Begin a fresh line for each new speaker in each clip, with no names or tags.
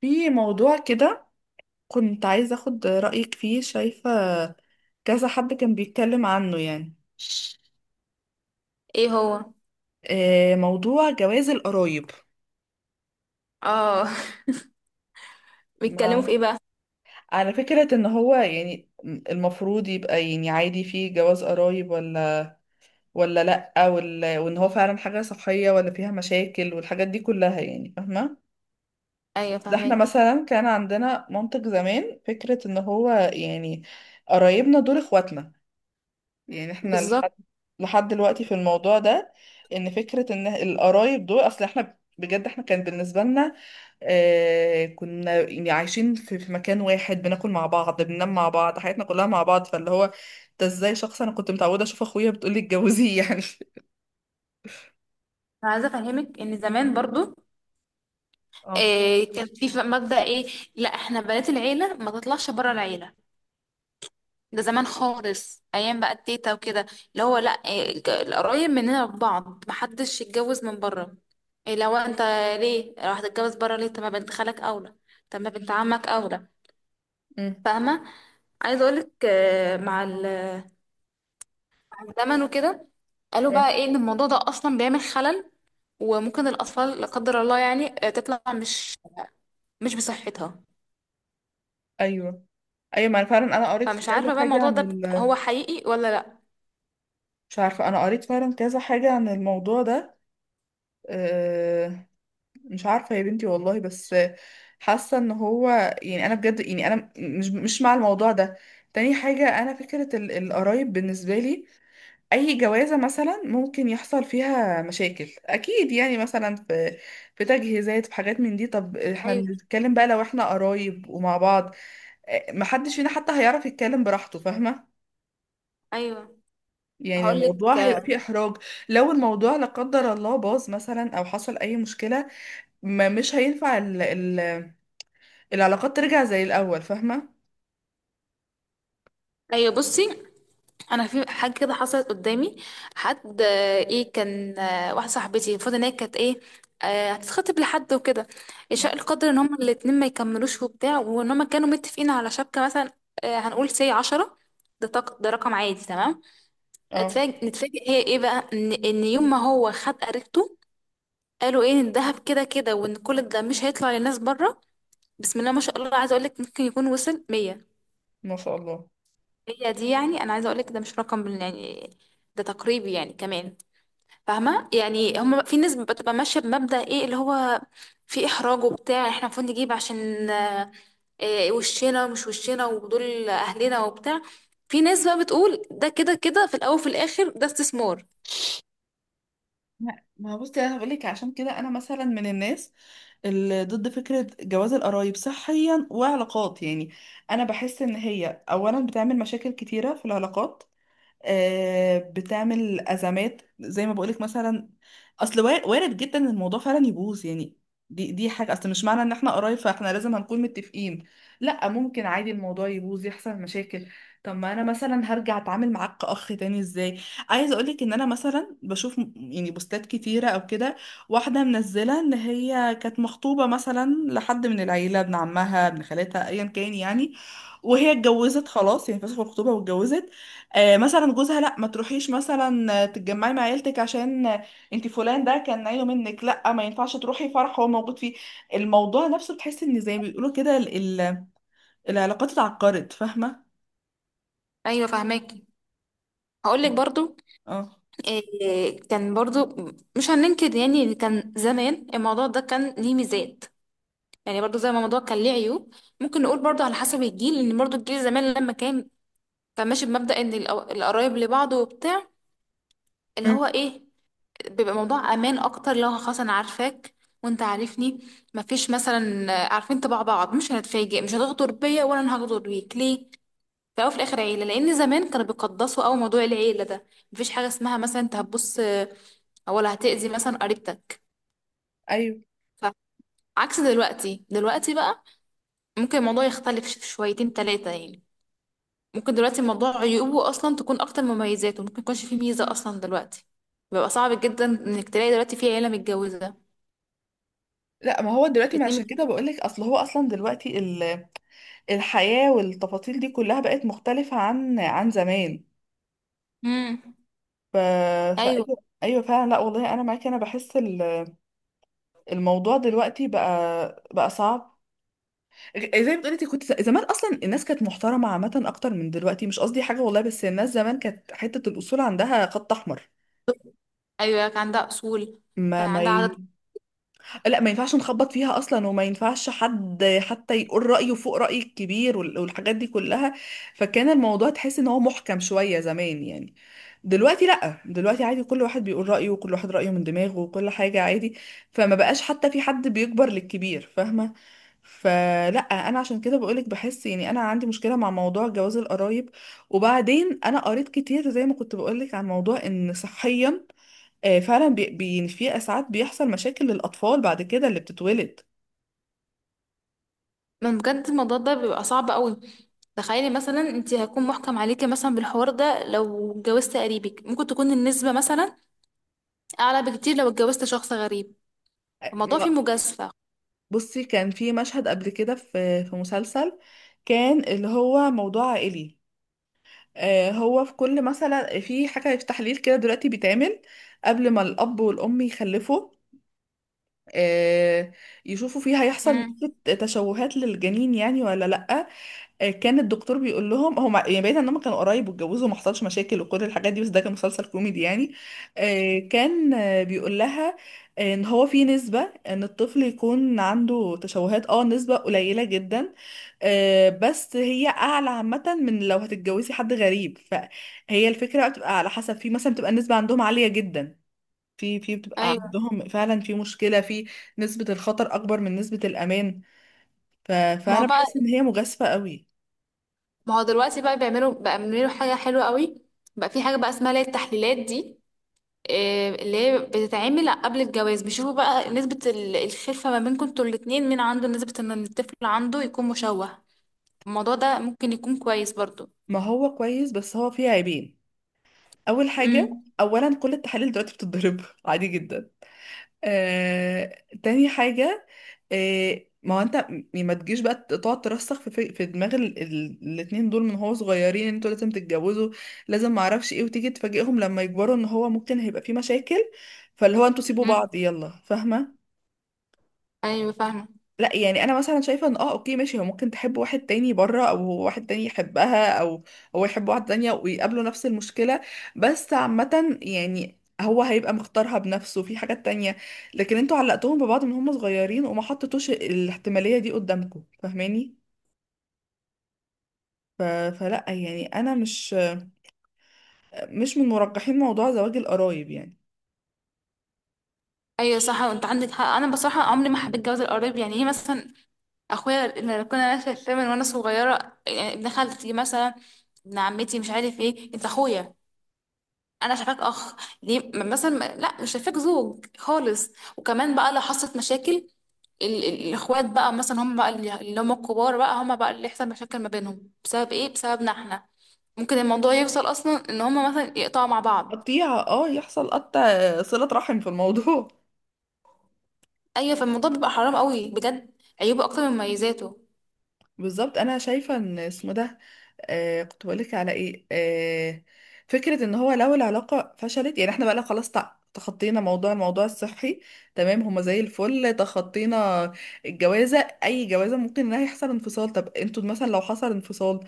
في موضوع كده، كنت عايزة أخد رأيك فيه. شايفة كذا حد كان بيتكلم عنه يعني
ايه هو؟
موضوع جواز القرايب.
اه. بيتكلموا في
ما
ايه بقى؟
على فكرة إن هو يعني المفروض يبقى يعني عادي فيه جواز قرايب ولا لأ، ولا وإن هو فعلا حاجة صحية ولا فيها مشاكل والحاجات دي كلها، يعني فاهمة؟
ايوه
ده احنا
فاهمك.
مثلا كان عندنا منطق زمان، فكرة إن هو يعني قرايبنا دول إخواتنا. يعني احنا
بالظبط.
لحد دلوقتي في الموضوع ده، ان فكرة ان القرايب دول اصل احنا بجد احنا كان بالنسبة لنا آه، كنا يعني عايشين في مكان واحد، بناكل مع بعض، بننام مع بعض، حياتنا كلها مع بعض. فاللي هو ده ازاي شخص انا كنت متعودة اشوف اخويا بتقولي اتجوزيه يعني؟
انا عايزه افهمك ان زمان برضو
اه.
إيه، كان في مبدأ ايه، لا احنا بنات العيله ما تطلعش بره العيله. ده زمان خالص، ايام بقى التيتا وكده، اللي هو لا إيه، القرايب مننا ببعض محدش يتجوز من بره. إيه لو انت، ليه لو هتتجوز بره؟ ليه؟ طب ما بنت خالك اولى، طب ما بنت عمك اولى،
امم.
فاهمه. عايزه اقولك، مع الزمن وكده قالوا بقى
اه.
ايه، ان الموضوع ده اصلا بيعمل خلل، وممكن الأطفال لا قدر الله يعني تطلع مش بصحتها.
ايوه. ايوه، ما انا فعلا انا قريت
فمش
كذا
عارفة بقى
حاجة
الموضوع
عن
ده
ال...
هو حقيقي ولا لأ.
مش عارفة، انا قريت فعلا كذا حاجة عن الموضوع ده. آه، مش عارفة يا بنتي والله، بس حاسة ان هو يعني انا بجد يعني انا مش مع الموضوع ده. تاني حاجة، انا فكرة القرايب بالنسبة لي، اي جوازة مثلا ممكن يحصل فيها مشاكل اكيد يعني، مثلا في في تجهيزات، في حاجات من دي. طب احنا
أيوه،
بنتكلم بقى لو احنا قرايب ومع بعض، محدش فينا حتى هيعرف يتكلم براحته، فاهمة؟
أيوه.
يعني الموضوع
هقولك،
هيبقى فيه احراج. لو الموضوع لا قدر الله باظ مثلا او حصل اي مشكلة، ما مش هينفع ال العلاقات ترجع زي الأول، فاهمة؟
أيوه بصي، أنا في حاجة كده حصلت قدامي. حد إيه كان، واحدة صاحبتي المفروض إن هي كانت إيه، هتتخطب لحد وكده، شاء القدر إن هما الاتنين ما يكملوش وبتاع، وإن هما كانوا متفقين على شبكة مثلا، هنقول سي عشرة، ده رقم عادي تمام.
اه.
اتفاجئ نتفاجئ هي ايه بقى، ان يوم ما هو خد قريبته، قالوا ايه، ان الذهب كده كده، وان كل ده مش هيطلع للناس بره. بسم الله ما شاء الله، عايزه اقول لك ممكن يكون وصل 100.
ما شاء الله.
هي دي، يعني انا عايزه اقول لك ده مش رقم يعني، ده تقريبي يعني، كمان فاهمه. يعني هم في ناس بتبقى ماشيه بمبدأ ايه، اللي هو في احراج وبتاع، احنا المفروض نجيب عشان إيه وشنا ومش وشنا ودول اهلنا وبتاع. في ناس بقى بتقول ده كده كده، في الاول وفي الاخر ده استثمار.
لا، ما هو بصي انا هقول لك، عشان كده انا مثلا من الناس اللي ضد فكره جواز القرايب صحيا وعلاقات يعني. انا بحس ان هي اولا بتعمل مشاكل كتيره في العلاقات. بتعمل أزمات زي ما بقولك مثلا، أصل وارد جدا إن الموضوع فعلا يبوظ يعني. دي حاجة، أصل مش معنى إن إحنا قرايب فإحنا لازم هنكون متفقين. لأ، ممكن عادي الموضوع يبوظ يحصل مشاكل. طب ما أنا مثلا هرجع أتعامل معاك كأخ تاني إزاي؟ عايزة أقولك إن أنا مثلا بشوف يعني بوستات كتيرة أو كده، واحدة منزلة إن هي كانت مخطوبة مثلا لحد من العيلة، ابن عمها، ابن خالتها، أيا كان يعني، وهي اتجوزت خلاص، يعني فسخوا الخطوبة واتجوزت. مثلا جوزها لا، ما تروحيش مثلا تتجمعي مع عيلتك عشان انت فلان ده كان عيله منك، لا ما ينفعش تروحي فرح هو موجود فيه. الموضوع نفسه بتحس ان زي ما بيقولوا كده ال- العلاقات اتعقدت، فاهمه؟
ايوه فاهماكي. هقول لك برضو،
اه.
إيه، كان برضو مش هننكر يعني إن كان زمان الموضوع ده كان ليه ميزات، يعني برضو زي ما الموضوع كان ليه عيوب. ممكن نقول برضو على حسب الجيل، ان برضو الجيل زمان لما كان كان ماشي بمبدأ ان القرايب لبعض وبتاع، اللي
مم.
هو ايه، بيبقى موضوع امان اكتر. لو خلاص انا عارفاك وانت عارفني، مفيش مثلا عارفين طباع بعض، مش هنتفاجئ، مش هتغدر بيا ولا انا هغدر بيك ليه؟ في الاول وفي الاخر عيله، لان زمان كانوا بيقدسوا قوي موضوع العيله ده. مفيش حاجه اسمها مثلا انت هتبص ولا هتأذي مثلا قريبتك.
ايوه.
فعكس دلوقتي بقى ممكن الموضوع يختلف شويتين تلاتة يعني. ممكن دلوقتي الموضوع عيوبه اصلا تكون اكتر من مميزاته، ممكن يكونش فيه ميزه اصلا دلوقتي. بيبقى صعب جدا انك تلاقي دلوقتي في عيله متجوزه
لا، ما هو دلوقتي، ما
اتنين
عشان كده
متجوزين.
بقولك، اصل هو اصلا دلوقتي الحياة والتفاصيل دي كلها بقت مختلفة عن عن زمان.
امم.
ف... فايوه،
ايوه،
ايوه. أيوه فعلا، لا والله انا معاكي، انا بحس الموضوع دلوقتي بقى صعب. زي ما بتقولي انت، كنت زمان اصلا الناس كانت محترمه عامه اكتر من دلوقتي. مش قصدي حاجه والله بس الناس زمان كانت حته الاصول عندها خط احمر.
ايوه كان عندها اصول،
ما
كان
ما
عندها
اه،
عدد.
لا ما ينفعش نخبط فيها اصلا، وما ينفعش حد حتى يقول رايه فوق راي الكبير والحاجات دي كلها. فكان الموضوع تحس ان هو محكم شويه زمان يعني. دلوقتي لا، دلوقتي عادي كل واحد بيقول رايه، وكل واحد رايه من دماغه، وكل حاجه عادي. فما بقاش حتى في حد بيكبر للكبير، فاهمه؟ فلا، انا عشان كده بقولك بحس يعني انا عندي مشكله مع موضوع جواز القرايب. وبعدين انا قريت كتير زي ما كنت بقولك، عن موضوع ان صحيا فعلا بي في ساعات بيحصل مشاكل للأطفال بعد كده اللي بتتولد.
من بجد الموضوع ده بيبقى صعب قوي. تخيلي مثلا انت هيكون محكم عليكي مثلا بالحوار ده، لو اتجوزت قريبك ممكن تكون النسبة مثلا اعلى بكتير لو اتجوزت شخص غريب.
آه،
الموضوع
ما-
فيه مجازفة.
بصي كان في مشهد قبل كده في في مسلسل، كان اللي هو موضوع عائلي. هو في كل مثلا في حاجة في تحليل كده دلوقتي بيتعمل قبل ما الأب والأم يخلفوا، آه، يشوفوا فيه هيحصل
امم.
نسبة تشوهات للجنين يعني ولا لأ. كان الدكتور بيقول لهم هم يعني بعيد ان هم كانوا قرايب واتجوزوا وما حصلش مشاكل وكل الحاجات دي، بس ده كان مسلسل كوميدي يعني. كان بيقول لها ان هو في نسبة ان الطفل يكون عنده تشوهات، اه نسبة قليلة جدا، بس هي اعلى عامة من لو هتتجوزي حد غريب. فهي الفكرة بقى بتبقى على حسب، في مثلا بتبقى النسبة عندهم عالية جدا، في في بتبقى
ايوه.
عندهم فعلا في مشكلة في نسبة الخطر أكبر من نسبة الأمان. ف...
ما هو
فأنا بحس
بقى،
إن هي مجازفة قوي.
ما هو دلوقتي بقى بيعملوا حاجة حلوة قوي. بقى في حاجة بقى اسمها اللي هي التحليلات دي، اللي هي بتتعمل قبل الجواز، بيشوفوا بقى نسبة الخلفة ما بينكم انتوا الاتنين، مين عنده نسبة ان الطفل عنده يكون مشوه. الموضوع ده ممكن يكون كويس برضو.
ما هو كويس بس هو فيه عيبين. اول حاجه، اولا كل التحاليل دلوقتي بتتضرب عادي جدا. تاني حاجه، ما هو انت ما تجيش بقى تقعد ترسخ في في في دماغ الاتنين دول من هو صغيرين ان انتوا لازم تتجوزوا لازم ما اعرفش ايه، وتيجي تفاجئهم لما يكبروا ان هو ممكن هيبقى فيه مشاكل. فاللي هو انتوا سيبوا
امم.
بعض يلا، فاهمه؟
ايوه فاهمه.
لا يعني انا مثلا شايفه ان اه اوكي ماشي، هو ممكن تحب واحد تاني بره، او هو واحد تاني يحبها، او هو يحب واحده تانية ويقابلوا نفس المشكله. بس عامه يعني هو هيبقى مختارها بنفسه في حاجات تانية. لكن انتوا علقتوهم ببعض من هم صغيرين وما حطيتوش الاحتماليه دي قدامكم، فاهماني؟ ف... فلا يعني انا مش من مرجحين موضوع زواج القرايب يعني.
ايوه صح، وانت عندك حق. انا بصراحه عمري ما حبيت جواز القريب، يعني ايه مثلا، اخويا اللي كنا شايفاه من وانا صغيره يعني، ابن خالتي مثلا، ابن عمتي، مش عارف ايه، انت اخويا، انا شايفاك اخ. ليه مثلا، لا مش شايفاك زوج خالص. وكمان بقى لو حصلت مشاكل، الاخوات بقى مثلا، هم بقى اللي هم الكبار، بقى هم بقى اللي يحصل مشاكل ما بينهم بسبب ايه؟ بسببنا احنا. ممكن الموضوع يوصل اصلا ان هم مثلا يقطعوا مع بعض.
قطيعه اه، يحصل قطع صله رحم في الموضوع.
ايوه، فالموضوع بيبقى حرام قوي بجد، عيوبه اكتر من مميزاته.
بالظبط، انا شايفه ان اسمه ده آه، كنت بقولك على ايه؟ آه، فكره ان هو لو العلاقه فشلت، يعني احنا بقى لا خلاص تخطينا موضوع الموضوع الصحي، تمام هما زي الفل تخطينا. الجوازه، اي جوازه ممكن انها يحصل انفصال. طب انتوا مثلا لو حصل انفصال،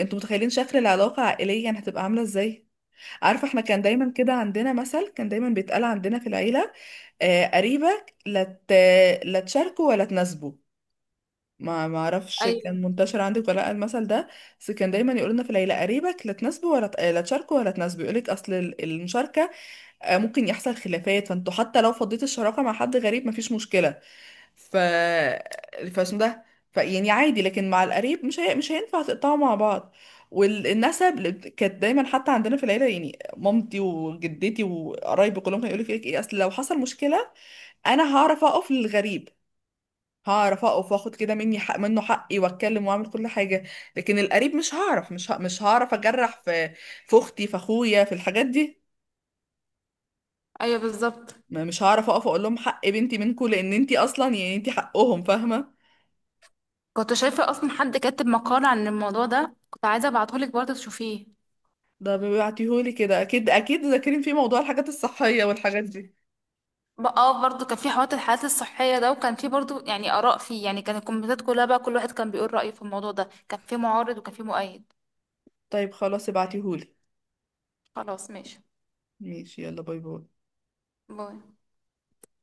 انتوا متخيلين شكل العلاقه عائليا هتبقى عامله ازاي؟ عارفه احنا كان دايما كده عندنا مثل كان دايما بيتقال عندنا في العيله، آه قريبك لا لا تشاركه ولا تناسبه. ما ما اعرفش
ايوه
كان منتشر عندك ولا لأ المثل ده، بس كان دايما يقول لنا في العيله قريبك لا تناسبه ولا ت- آه، لا تشاركه ولا تناسبه. يقول لك اصل المشاركه ممكن يحصل خلافات، فانتوا حتى لو فضيت الشراكه مع حد غريب مفيش مشكله. ف فاسمه ده، ف يعني عادي، لكن مع القريب مش هينفع تقطعوا مع بعض. كانت دايما حتى عندنا في العيله يعني مامتي وجدتي وقرايبي كلهم كانوا يقولوا لك ايه، اصل لو حصل مشكله انا هعرف اقف للغريب، هعرف اقف واخد كده مني حق منه حقي، واتكلم واعمل كل حاجه. لكن القريب مش هعرف، مش هعرف اجرح في في اختي في اخويا في الحاجات دي.
ايوه بالظبط.
مش هعرف اقف اقول لهم حق بنتي منكم، لان انتي اصلا يعني انتي حقهم، فاهمه؟
كنت شايفه اصلا حد كاتب مقال عن الموضوع ده، كنت عايزه ابعتهولك برضه تشوفيه.
ده بيبعتيهولي كده اكيد، اكيد ذاكرين في موضوع الحاجات الصحيه والحاجات دي.
بقى اه، برضه كان في حوار الحالات الصحيه ده، وكان في برضه يعني اراء فيه يعني، كان الكومنتات كلها بقى كل واحد كان بيقول رايه في الموضوع ده، كان في معارض وكان في مؤيد.
طيب خلاص ابعتيهولي.
خلاص ماشي.
ماشي، يلا باي باي.
باي.